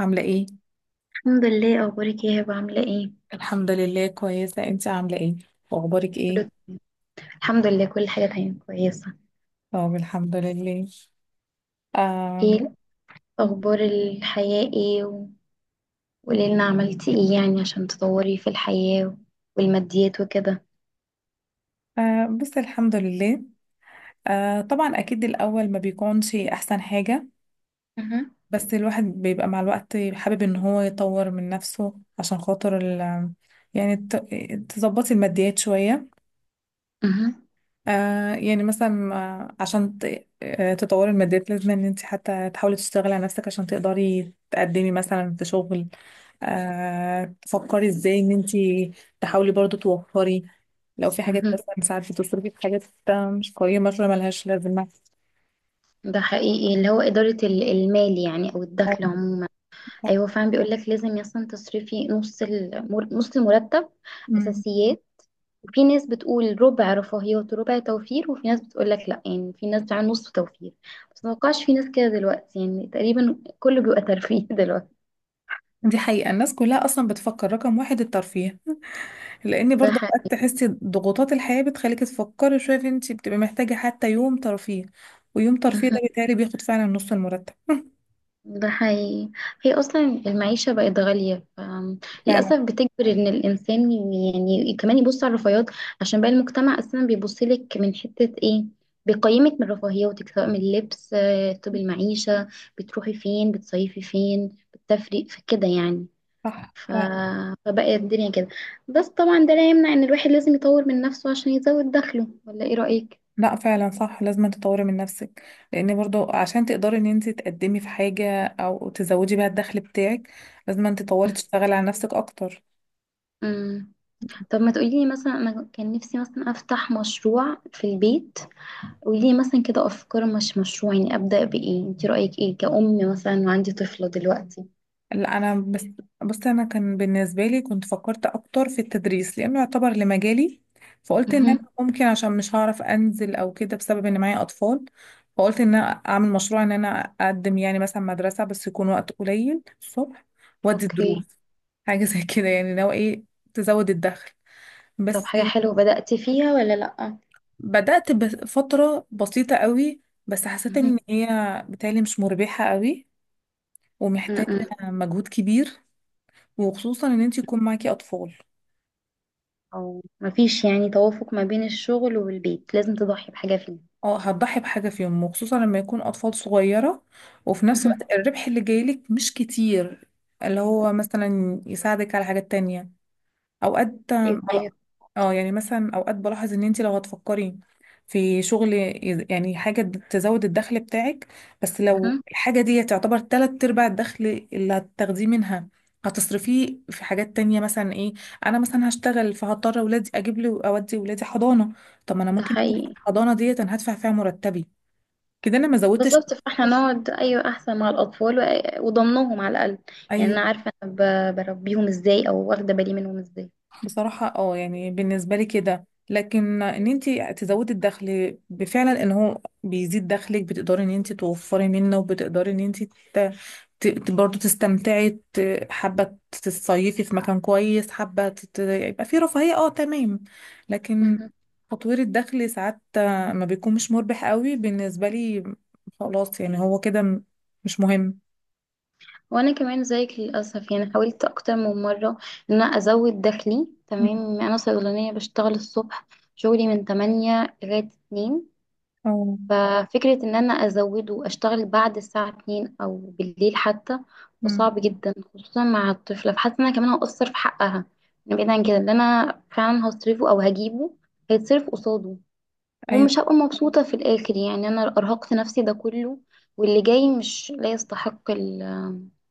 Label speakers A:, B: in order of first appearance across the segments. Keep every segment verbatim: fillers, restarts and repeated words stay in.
A: عاملة ايه؟
B: الحمد لله، اخبارك ايه هبه؟ عامله ايه؟
A: الحمد لله كويسة، انت عاملة ايه؟ واخبارك ايه؟
B: كله تمام. الحمد لله، كل حاجه تمام كويسه.
A: طب الحمد لله. آم
B: ايه اخبار الحياه ايه؟ و- وقولي لنا عملتي ايه يعني عشان تطوري في الحياه والماديات وكده.
A: آه بس الحمد لله. آه طبعا اكيد الاول ما بيكونش احسن حاجة،
B: مهم.
A: بس الواحد بيبقى مع الوقت حابب ان هو يطور من نفسه عشان خاطر ال، يعني ت- تظبطي الماديات شوية.
B: مهم.
A: آه يعني مثلا آه، عشان ت- آه، تطوري الماديات لازم ان انت حتى تحاولي تشتغلي على نفسك عشان تقدري تقدمي مثلا في شغل. آه تفكري ازاي ان انت تحاولي برضو توفري لو في حاجات
B: مهم.
A: مثلا، ساعات بتصرفي في حاجات آه، مش قيمة، شوية ملهاش لازمة.
B: ده حقيقي، اللي هو إدارة ال- المال يعني أو الدخل
A: اه،
B: عموما. أيوة،
A: صح.
B: فعلا بيقولك لازم أصلا تصرفي نص المر... نص المرتب.
A: مم.
B: أساسيات. في ناس بتقول ربع رفاهيات وربع توفير، وفي ناس بتقول لك لا، يعني في ناس بتعمل نص توفير. بس ما اتوقعش في ناس كده دلوقتي، يعني تقريبا كله بيبقى ترفيه دلوقتي.
A: دي حقيقة، الناس كلها اصلا بتفكر رقم واحد الترفيه، لان
B: ده
A: برضه اوقات
B: حقيقي.
A: تحسي ضغوطات الحياه بتخليكي تفكري شويه في انت بتبقي محتاجه حتى يوم ترفيه، ويوم ترفيه ده بيتهيألي بياخد فعلا نص المرتب.
B: ده حقيقي. هي اصلا المعيشه بقت غاليه،
A: فعلا.
B: للاسف بتجبر ان الانسان يعني كمان يبص على الرفاهيات. عشان بقى المجتمع اصلا بيبص لك من حته ايه، بيقيمك من رفاهياتك، سواء من اللبس آه، طب المعيشه، بتروحي فين، بتصيفي فين، بتفرق في كده يعني.
A: صح
B: ف...
A: فعلا.
B: فبقى الدنيا كده. بس طبعا ده لا يمنع ان الواحد لازم يطور من نفسه عشان يزود دخله، ولا ايه رأيك؟
A: لا فعلا صح، لازم تطوري من نفسك، لان برضه عشان تقدري ان انت تقدمي في حاجه او تزودي بيها الدخل بتاعك لازم انت تطوري، تشتغلي على نفسك اكتر.
B: امم طب ما تقولي لي مثلا، انا كان نفسي مثلا افتح مشروع في البيت. قولي لي مثلا كده افكار، مش مشروع يعني، ابدأ بايه؟ انت رأيك ايه كأم مثلا وعندي طفلة دلوقتي؟
A: لا انا بس، بص، انا كان بالنسبه لي كنت فكرت اكتر في التدريس لانه يعتبر لمجالي، فقلت ان انا
B: امم
A: ممكن، عشان مش هعرف انزل او كده بسبب ان معايا اطفال، فقلت ان انا اعمل مشروع ان انا اقدم يعني مثلا مدرسه، بس يكون وقت قليل الصبح، وادي
B: اوكي.
A: دروس، حاجه زي كده، يعني لو ايه تزود الدخل
B: طب
A: بس.
B: حاجة حلوة بدأت فيها ولا لأ؟
A: بدات بفتره بسيطه قوي بس حسيت
B: امم
A: ان هي بتالي مش مربحه قوي، ومحتاجه
B: امم
A: مجهود كبير، وخصوصا ان انت يكون معاكي اطفال.
B: او مفيش يعني توافق ما بين الشغل والبيت، لازم تضحي بحاجة فيه.
A: اه هتضحي بحاجة فيهم، وخصوصا لما يكون أطفال صغيرة، وفي نفس
B: مهم.
A: الوقت الربح اللي جايلك مش كتير، اللي هو مثلا يساعدك على حاجات تانية. اوقات
B: ايوه أيوة.
A: بل- اه يعني مثلا اوقات بلاحظ ان انت لو هتفكري في شغل يز- يعني حاجة تزود الدخل بتاعك، بس لو
B: مهم.
A: الحاجة دي تعتبر تلات ارباع الدخل اللي هتاخديه منها، هتصرفيه في حاجات تانية. مثلا ايه؟ انا مثلا هشتغل فهضطر اولادي، اجيب لي، اودي اولادي حضانة، طب ما انا
B: ده
A: ممكن يكون
B: حقيقي.
A: الحضانة ديت انا هدفع فيها مرتبي، كده انا ما زودتش.
B: بالظبط، فاحنا نقعد ايوه احسن مع الاطفال، و- وضمنهم على الاقل. يعني انا
A: ايوه.
B: عارفه انا ب- بربيهم ازاي او واخده بالي منهم ازاي.
A: بصراحة اه يعني بالنسبة لي كده، لكن ان انت تزودي الدخل، بفعلا ان هو بيزيد دخلك بتقدري ان انت توفري منه، وبتقدري ان انت ت- ت- برضه تستمتعي، ت- حابة تصيفي في مكان كويس، حابة تت- يبقى في رفاهية، اه تمام. لكن
B: مهم.
A: تطوير الدخل ساعات ما بيكون، مش مربح قوي بالنسبة لي، خلاص، يعني هو كده م- مش مهم.
B: وانا كمان زيك للاسف، يعني حاولت اكتر من مره ان انا ازود دخلي. تمام، انا صيدلانيه بشتغل الصبح، شغلي من تمانية لغايه اتنين.
A: اه.
B: ففكرة ان انا ازوده واشتغل بعد الساعة اتنين او بالليل حتى، ده
A: أمم.
B: صعب جدا خصوصا مع الطفلة، فحاسة ان انا كمان هقصر في حقها. يعني بعيد عن كده، اللي انا فعلا هصرفه او هجيبه هيتصرف قصاده،
A: ايوه
B: ومش هبقى مبسوطة في الاخر، يعني انا ارهقت نفسي ده كله واللي جاي مش لا يستحق ال-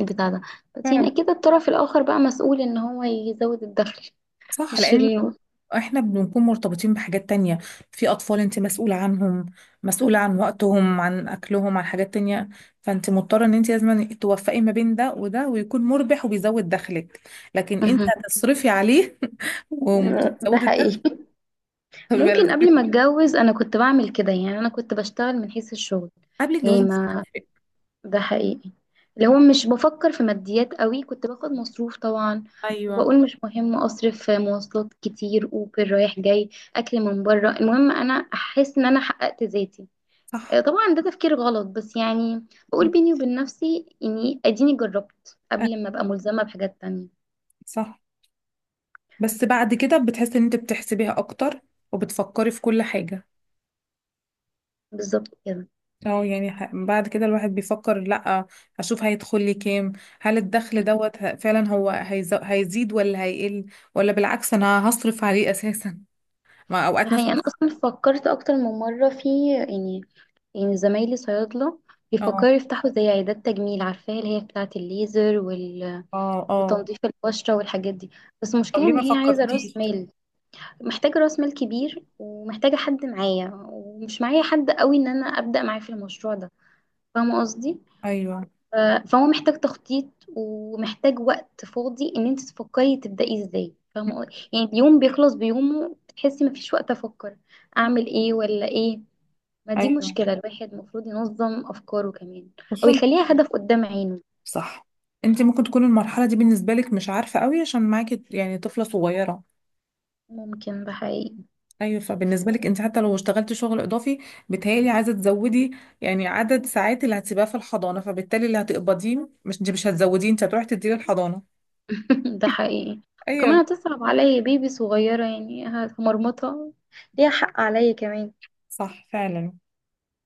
B: البتاع ده. بس يعني
A: فعلا
B: اكيد الطرف الاخر بقى مسؤول ان هو يزود الدخل.
A: صح،
B: مش
A: لان
B: ال...
A: احنا بنكون مرتبطين بحاجات تانية، في اطفال انت مسؤولة عنهم، مسؤولة عن وقتهم، عن اكلهم، عن حاجات تانية، فانت مضطرة ان انت لازم توفقي ما بين ده وده، ويكون مربح وبيزود دخلك، لكن انت
B: مهم.
A: هتصرفي عليه ومش
B: ده
A: هتزودي الدخل،
B: حقيقي.
A: يبقى
B: ممكن قبل ما
A: لازمتك.
B: اتجوز انا كنت بعمل كده، يعني انا كنت بشتغل من حيث الشغل
A: قبل الجواز
B: يعني،
A: مش
B: ما
A: هتفرق.
B: ده حقيقي، اللي هو مش بفكر في ماديات قوي، كنت باخد مصروف طبعا،
A: ايوه
B: وبقول مش مهم اصرف في مواصلات كتير، اوبر رايح جاي، اكل من بره، المهم انا احس ان انا حققت ذاتي. آه،
A: صح.
B: طبعا ده تفكير غلط، بس يعني بقول
A: مم.
B: بيني وبين نفسي اني اديني جربت
A: أيوة،
B: قبل ما ابقى ملزمة بحاجات تانية.
A: صح. بس بعد كده بتحسي ان انت بتحسبيها اكتر، وبتفكري في كل حاجة.
B: بالظبط كده.
A: اه يعني ح- بعد كده الواحد بيفكر، لا اشوف هيدخل لي كام، هل الدخل دوت ه- فعلا هو هيز- هيزيد ولا هيقل، ولا بالعكس انا هصرف عليه اساسا. ما
B: ده
A: اوقات
B: حقيقي.
A: مثلا.
B: انا اصلا فكرت اكتر من مره في يعني، يعني زمايلي صيادله
A: اه.
B: بيفكروا يفتحوا زي عيادات تجميل، عارفاها اللي هي بتاعه الليزر وال...
A: اه اه.
B: وتنظيف البشره والحاجات دي. بس
A: طب
B: المشكله
A: ليه
B: ان
A: ما
B: هي عايزه راس
A: فكرتيش؟
B: مال، محتاجه راس مال كبير، ومحتاجه حد معايا، ومش معايا حد قوي ان انا ابدا معاه في المشروع ده، فاهمه قصدي؟
A: ايوه.
B: ف- فهو محتاج تخطيط، ومحتاج وقت فاضي ان انت تفكري تبدأي ازاي، فاهمة قصدي؟ يعني اليوم بيخلص بيومه، تحسي مفيش وقت افكر اعمل ايه ولا ايه. ما دي
A: ايوه،
B: مشكلة، الواحد المفروض ينظم افكاره كمان، او
A: خصوصا،
B: يخليها هدف قدام عينه.
A: صح. انت ممكن تكون المرحله دي بالنسبه لك مش عارفه قوي، عشان معاكي يعني طفله صغيره.
B: ممكن، ده حقيقي.
A: ايوه فبالنسبه لك انت حتى لو اشتغلت شغل اضافي، بتهيألي عايزه تزودي يعني عدد ساعات اللي هتسيبها في الحضانه، فبالتالي اللي هتقبضيه مش، انت مش هتزوديه، انت هتروحي تديه للحضانه.
B: ده حقيقي. وكمان
A: ايوه.
B: هتصعب عليا، بيبي صغيرة يعني هتمرمطها، ليها حق عليا كمان.
A: صح فعلا.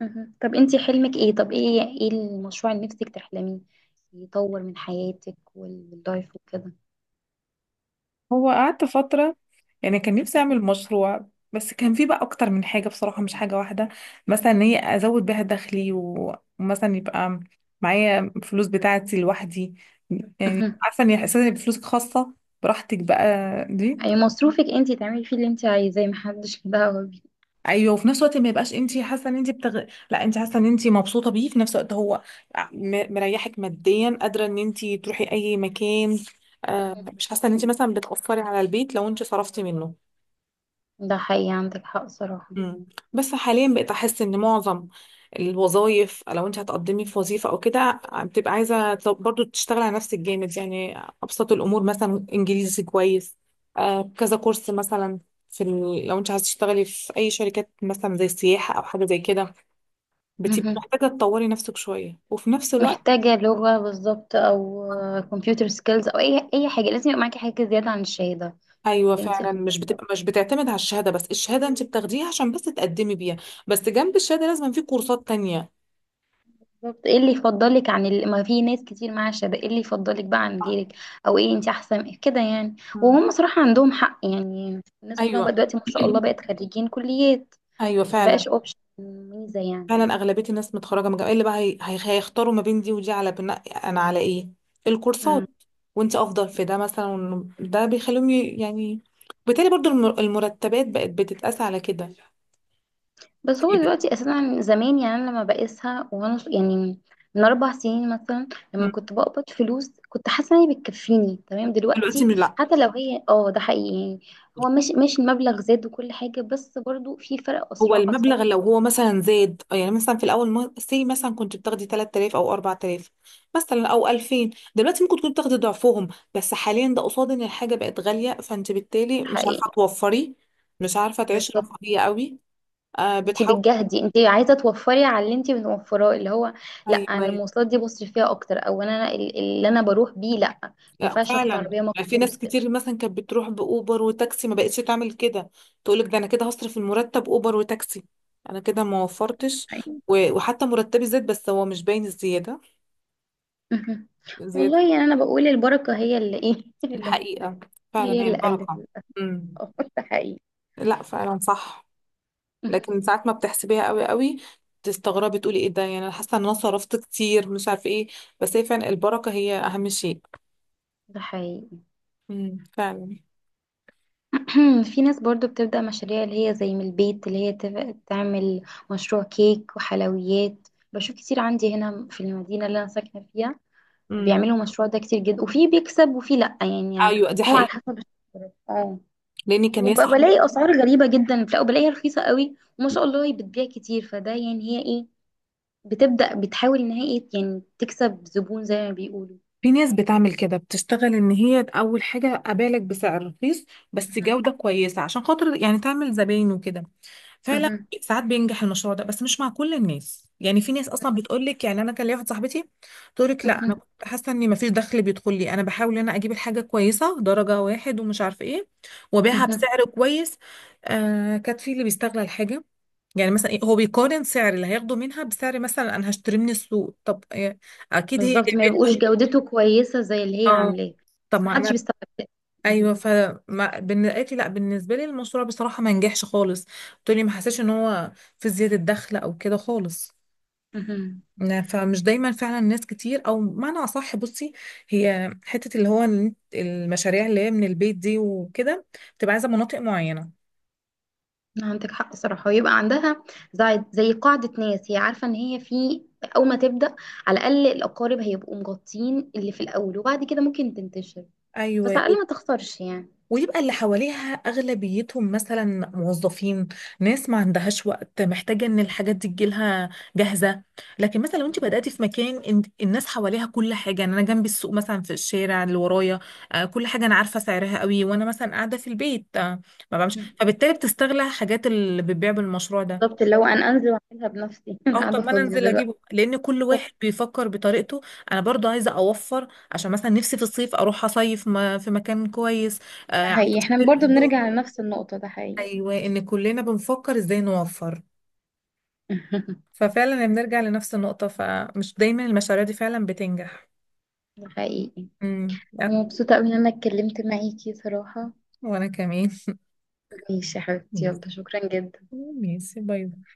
B: مهم. طب انتي حلمك ايه؟ طب ايه ايه المشروع اللي نفسك تحلميه يطور من حياتك واللايف وكده؟
A: هو قعدت فتره، يعني كان نفسي اعمل
B: مهم.
A: مشروع، بس كان في بقى اكتر من حاجه بصراحه، مش حاجه واحده. مثلا ان هي ازود بيها دخلي، و- ومثلا يبقى معايا فلوس بتاعتي لوحدي، يعني
B: مهم.
A: عارفه ان احساس ان يبقى فلوسك خاصه براحتك بقى دي.
B: اي مصروفك انتي تعملي فيه اللي انتي عايزاه، محدش له دعوة بيه.
A: ايوه، وفي نفس الوقت ما يبقاش انت حاسه ان انت بتغ... لا، انت حاسه ان انت مبسوطه بيه، في نفس الوقت هو م- مريحك ماديا، قادره ان انت تروحي اي مكان، آه
B: مهم.
A: مش حاسه ان انت مثلا بتاثري على البيت لو انت صرفتي منه.
B: ده حقيقي، عندك حق صراحة.
A: مم. بس حاليا بقيت احس ان معظم الوظائف، لو انت هتقدمي في وظيفه او كده، آه، بتبقى عايزه ت- برضو تشتغل على نفسك جامد، يعني ابسط الامور مثلا انجليزي كويس، آه كذا كورس مثلا في ال... لو انت عايزه تشتغلي في اي شركات مثلا زي السياحه او حاجه زي كده، بتبقي
B: مهم.
A: محتاجة تطوري نفسك شوية، وفي نفس الوقت،
B: محتاجة لغة بالظبط، او كمبيوتر سكيلز، او اي اي حاجة، لازم يبقى معاكي حاجة زيادة عن الشهادة
A: أيوة
B: اللي انتي
A: فعلا. مش
B: اخدتيها.
A: بتبقى، مش بتعتمد على الشهادة بس، الشهادة أنت بتاخديها عشان بس تقدمي بيها، بس جنب الشهادة لازم في كورسات تانية.
B: بالظبط، ايه اللي يفضلك عن ال... ما في ناس كتير معاها شهادة؟ ايه اللي يفضلك بقى عن
A: صح.
B: غيرك؟ او ايه انت احسن كده يعني؟
A: مم.
B: وهم صراحة عندهم حق، يعني الناس كلها
A: أيوة.
B: بقى دلوقتي ما شاء الله بقت خريجين كليات،
A: أيوة
B: ما بقاش
A: فعلا.
B: اوبشن ميزة يعني.
A: فعلا أغلبية الناس متخرجة من جامعة، إيه اللي بقى، هي... هي... هيختاروا ما بين دي ودي على بناء أنا على إيه،
B: مم.
A: الكورسات، وأنت أفضل في ده مثلا، وإنه ده بيخليهم ي- يعني بالتالي برضو الم- المرتبات بقت بتتقاس على كده، اللي
B: بس هو
A: بت-
B: دلوقتي اساسا، زمان يعني انا لما بقيسها وانا ص- يعني من اربع سنين مثلا، لما
A: مم.
B: كنت بقبض فلوس كنت حاسه ان هي بتكفيني تمام.
A: دلوقتي
B: دلوقتي
A: لا.
B: حتى لو هي اه ده حقيقي يعني، هو ماشي ماشي، المبلغ زاد وكل حاجه، بس برضو في فرق،
A: هو
B: اسرع اسعار
A: المبلغ لو
B: رهيب،
A: هو مثلا زاد، يعني مثلا في الاول سي مثلا كنت بتاخدي ثلاثة آلاف او اربعة آلاف مثلا، او الفين، دلوقتي ممكن تكوني بتاخدي ضعفهم، بس حاليا ده قصاد ان الحاجه بقت غاليه، فانت بالتالي
B: ده
A: مش عارفه
B: حقيقي.
A: توفري، مش عارفه تعيشي
B: بالظبط،
A: رفاهيه قوي. آه
B: انت
A: بتحاول.
B: بتجهدي، انت عايزه توفري على اللي انت بنوفراه اللي هو، لا انا
A: ايوه.
B: المواصلات دي بصرف فيها اكتر، او انا ال- اللي انا بروح بيه، لا ما
A: لا
B: ينفعش اخد
A: فعلا
B: عربيه
A: يعني في ناس
B: مخصوص
A: كتير مثلا كانت بتروح باوبر وتاكسي، ما بقتش تعمل كده، تقولك ده انا كده هصرف المرتب اوبر وتاكسي، انا كده ما وفرتش،
B: يعني.
A: و- وحتى مرتبي زاد بس هو مش باين الزياده
B: مهم.
A: زياده.
B: والله، يعني انا بقول البركه هي اللي ايه،
A: دي
B: اللي
A: حقيقة. فعلا
B: هي
A: هي
B: اللي قلت
A: البركة.
B: للأسف.
A: امم.
B: ده حقيقي.
A: لا فعلا صح. لكن ساعات ما بتحسبيها قوي قوي، تستغربي تقولي ايه ده، يعني انا حاسة ان انا صرفت كتير، مش عارفة ايه، بس هي فعلا البركة هي اهم شيء.
B: ده حقيقي.
A: امم فعلا.
B: في ناس برضو بتبدأ مشاريع اللي هي زي من البيت، اللي هي تف- تعمل مشروع كيك وحلويات. بشوف كتير عندي هنا في المدينة اللي أنا ساكنة فيها
A: امم.
B: بيعملوا مشروع ده كتير جدا، وفي بيكسب وفي لأ يعني،
A: ايوه دي
B: هو على
A: حقيقة.
B: حسب الشهرة. اه.
A: لان كان ليا صاحبتي.
B: وبلاقي أسعار غريبة جدا، لا وبلاقيها رخيصة قوي، وما شاء الله هي بتبيع كتير، فده يعني هي ايه، بتبدأ بتحاول ان هي ايه يعني تكسب زبون زي ما بيقولوا.
A: في ناس بتعمل كده، بتشتغل ان هي اول حاجة ابالغ بسعر رخيص بس
B: مهم.
A: جودة كويسة، عشان خاطر يعني تعمل زباين وكده. فعلا
B: مهم.
A: ساعات بينجح المشروع ده، بس مش مع كل الناس، يعني في ناس اصلا بتقول لك، يعني انا كان ليا واحده صاحبتي تقول لك لا، انا
B: مهم.
A: كنت حاسه اني ما فيش دخل بيدخل لي، انا بحاول ان انا اجيب الحاجه كويسه درجه واحد ومش عارفه ايه، وابيعها
B: مهم.
A: بسعر كويس، آه كانت في اللي بيستغل الحاجه، يعني مثلا إيه، هو بيقارن سعر اللي هياخده منها بسعر مثلا انا هشتريه من السوق، طب آه، اكيد هي
B: بالظبط، ما يبقوش
A: جابته.
B: جودته كويسة زي اللي هي
A: اه
B: عاملاه،
A: طب
B: بس
A: ما
B: محدش
A: انا.
B: بيستوعب ده. مهم.
A: ايوه ف ما- بالن- قالت لي لا بالنسبه لي المشروع بصراحه ما نجحش خالص، قلت لي ما حسيتش ان هو في زياده دخل او كده خالص.
B: مهم.
A: ن- فمش دايما فعلا ناس كتير، او معنى اصح بصي، هي حته اللي هو ال- المشاريع اللي هي من البيت دي وكده، بتبقى عايزه مناطق معينه.
B: عندك حق صراحة، ويبقى عندها زي زي قاعدة ناس، هي عارفة ان هي في اول ما تبدأ على الاقل الاقارب هيبقوا مغطين اللي في الاول، وبعد كده ممكن تنتشر. بس
A: ايوه،
B: على الاقل ما تخسرش يعني.
A: ويبقى اللي حواليها أغلبيتهم مثلا موظفين، ناس ما عندهاش وقت، محتاجة إن الحاجات دي تجيلها جاهزة، لكن مثلا لو أنت بدأتي في مكان إن- الناس حواليها كل حاجة، يعني أنا جنبي السوق مثلا في الشارع اللي ورايا، آه، كل حاجة أنا عارفة سعرها قوي، وأنا مثلا قاعدة في البيت آه، ما بعملش،
B: مم.
A: فبالتالي بتستغلى حاجات اللي بتبيع بالمشروع ده.
B: بالظبط، اللي هو انا انزل واعملها بنفسي، انا
A: اه طب
B: قاعدة
A: ما انا
B: فاضية
A: انزل
B: دلوقتي.
A: اجيبه، لان كل
B: صح،
A: واحد بيفكر بطريقته. انا برضو عايزه اوفر عشان مثلا نفسي في الصيف اروح اصيف ما- في مكان كويس، آه،
B: ده
A: عايزه
B: حقيقي، احنا
A: اشتري
B: برضو
A: هدوم.
B: بنرجع لنفس النقطة. ده حقيقي.
A: ايوه ان كلنا بنفكر ازاي نوفر. ففعلا بنرجع لنفس النقطة، فمش دايما المشاريع دي فعلا بتنجح.
B: ده حقيقي.
A: امم أه،
B: مبسوطة أوي إن أنا اتكلمت معاكي صراحة.
A: وانا كمان.
B: ماشي يا حبيبتي،
A: ميسي.
B: يلا شكرا جدا.
A: ميسي، باي باي.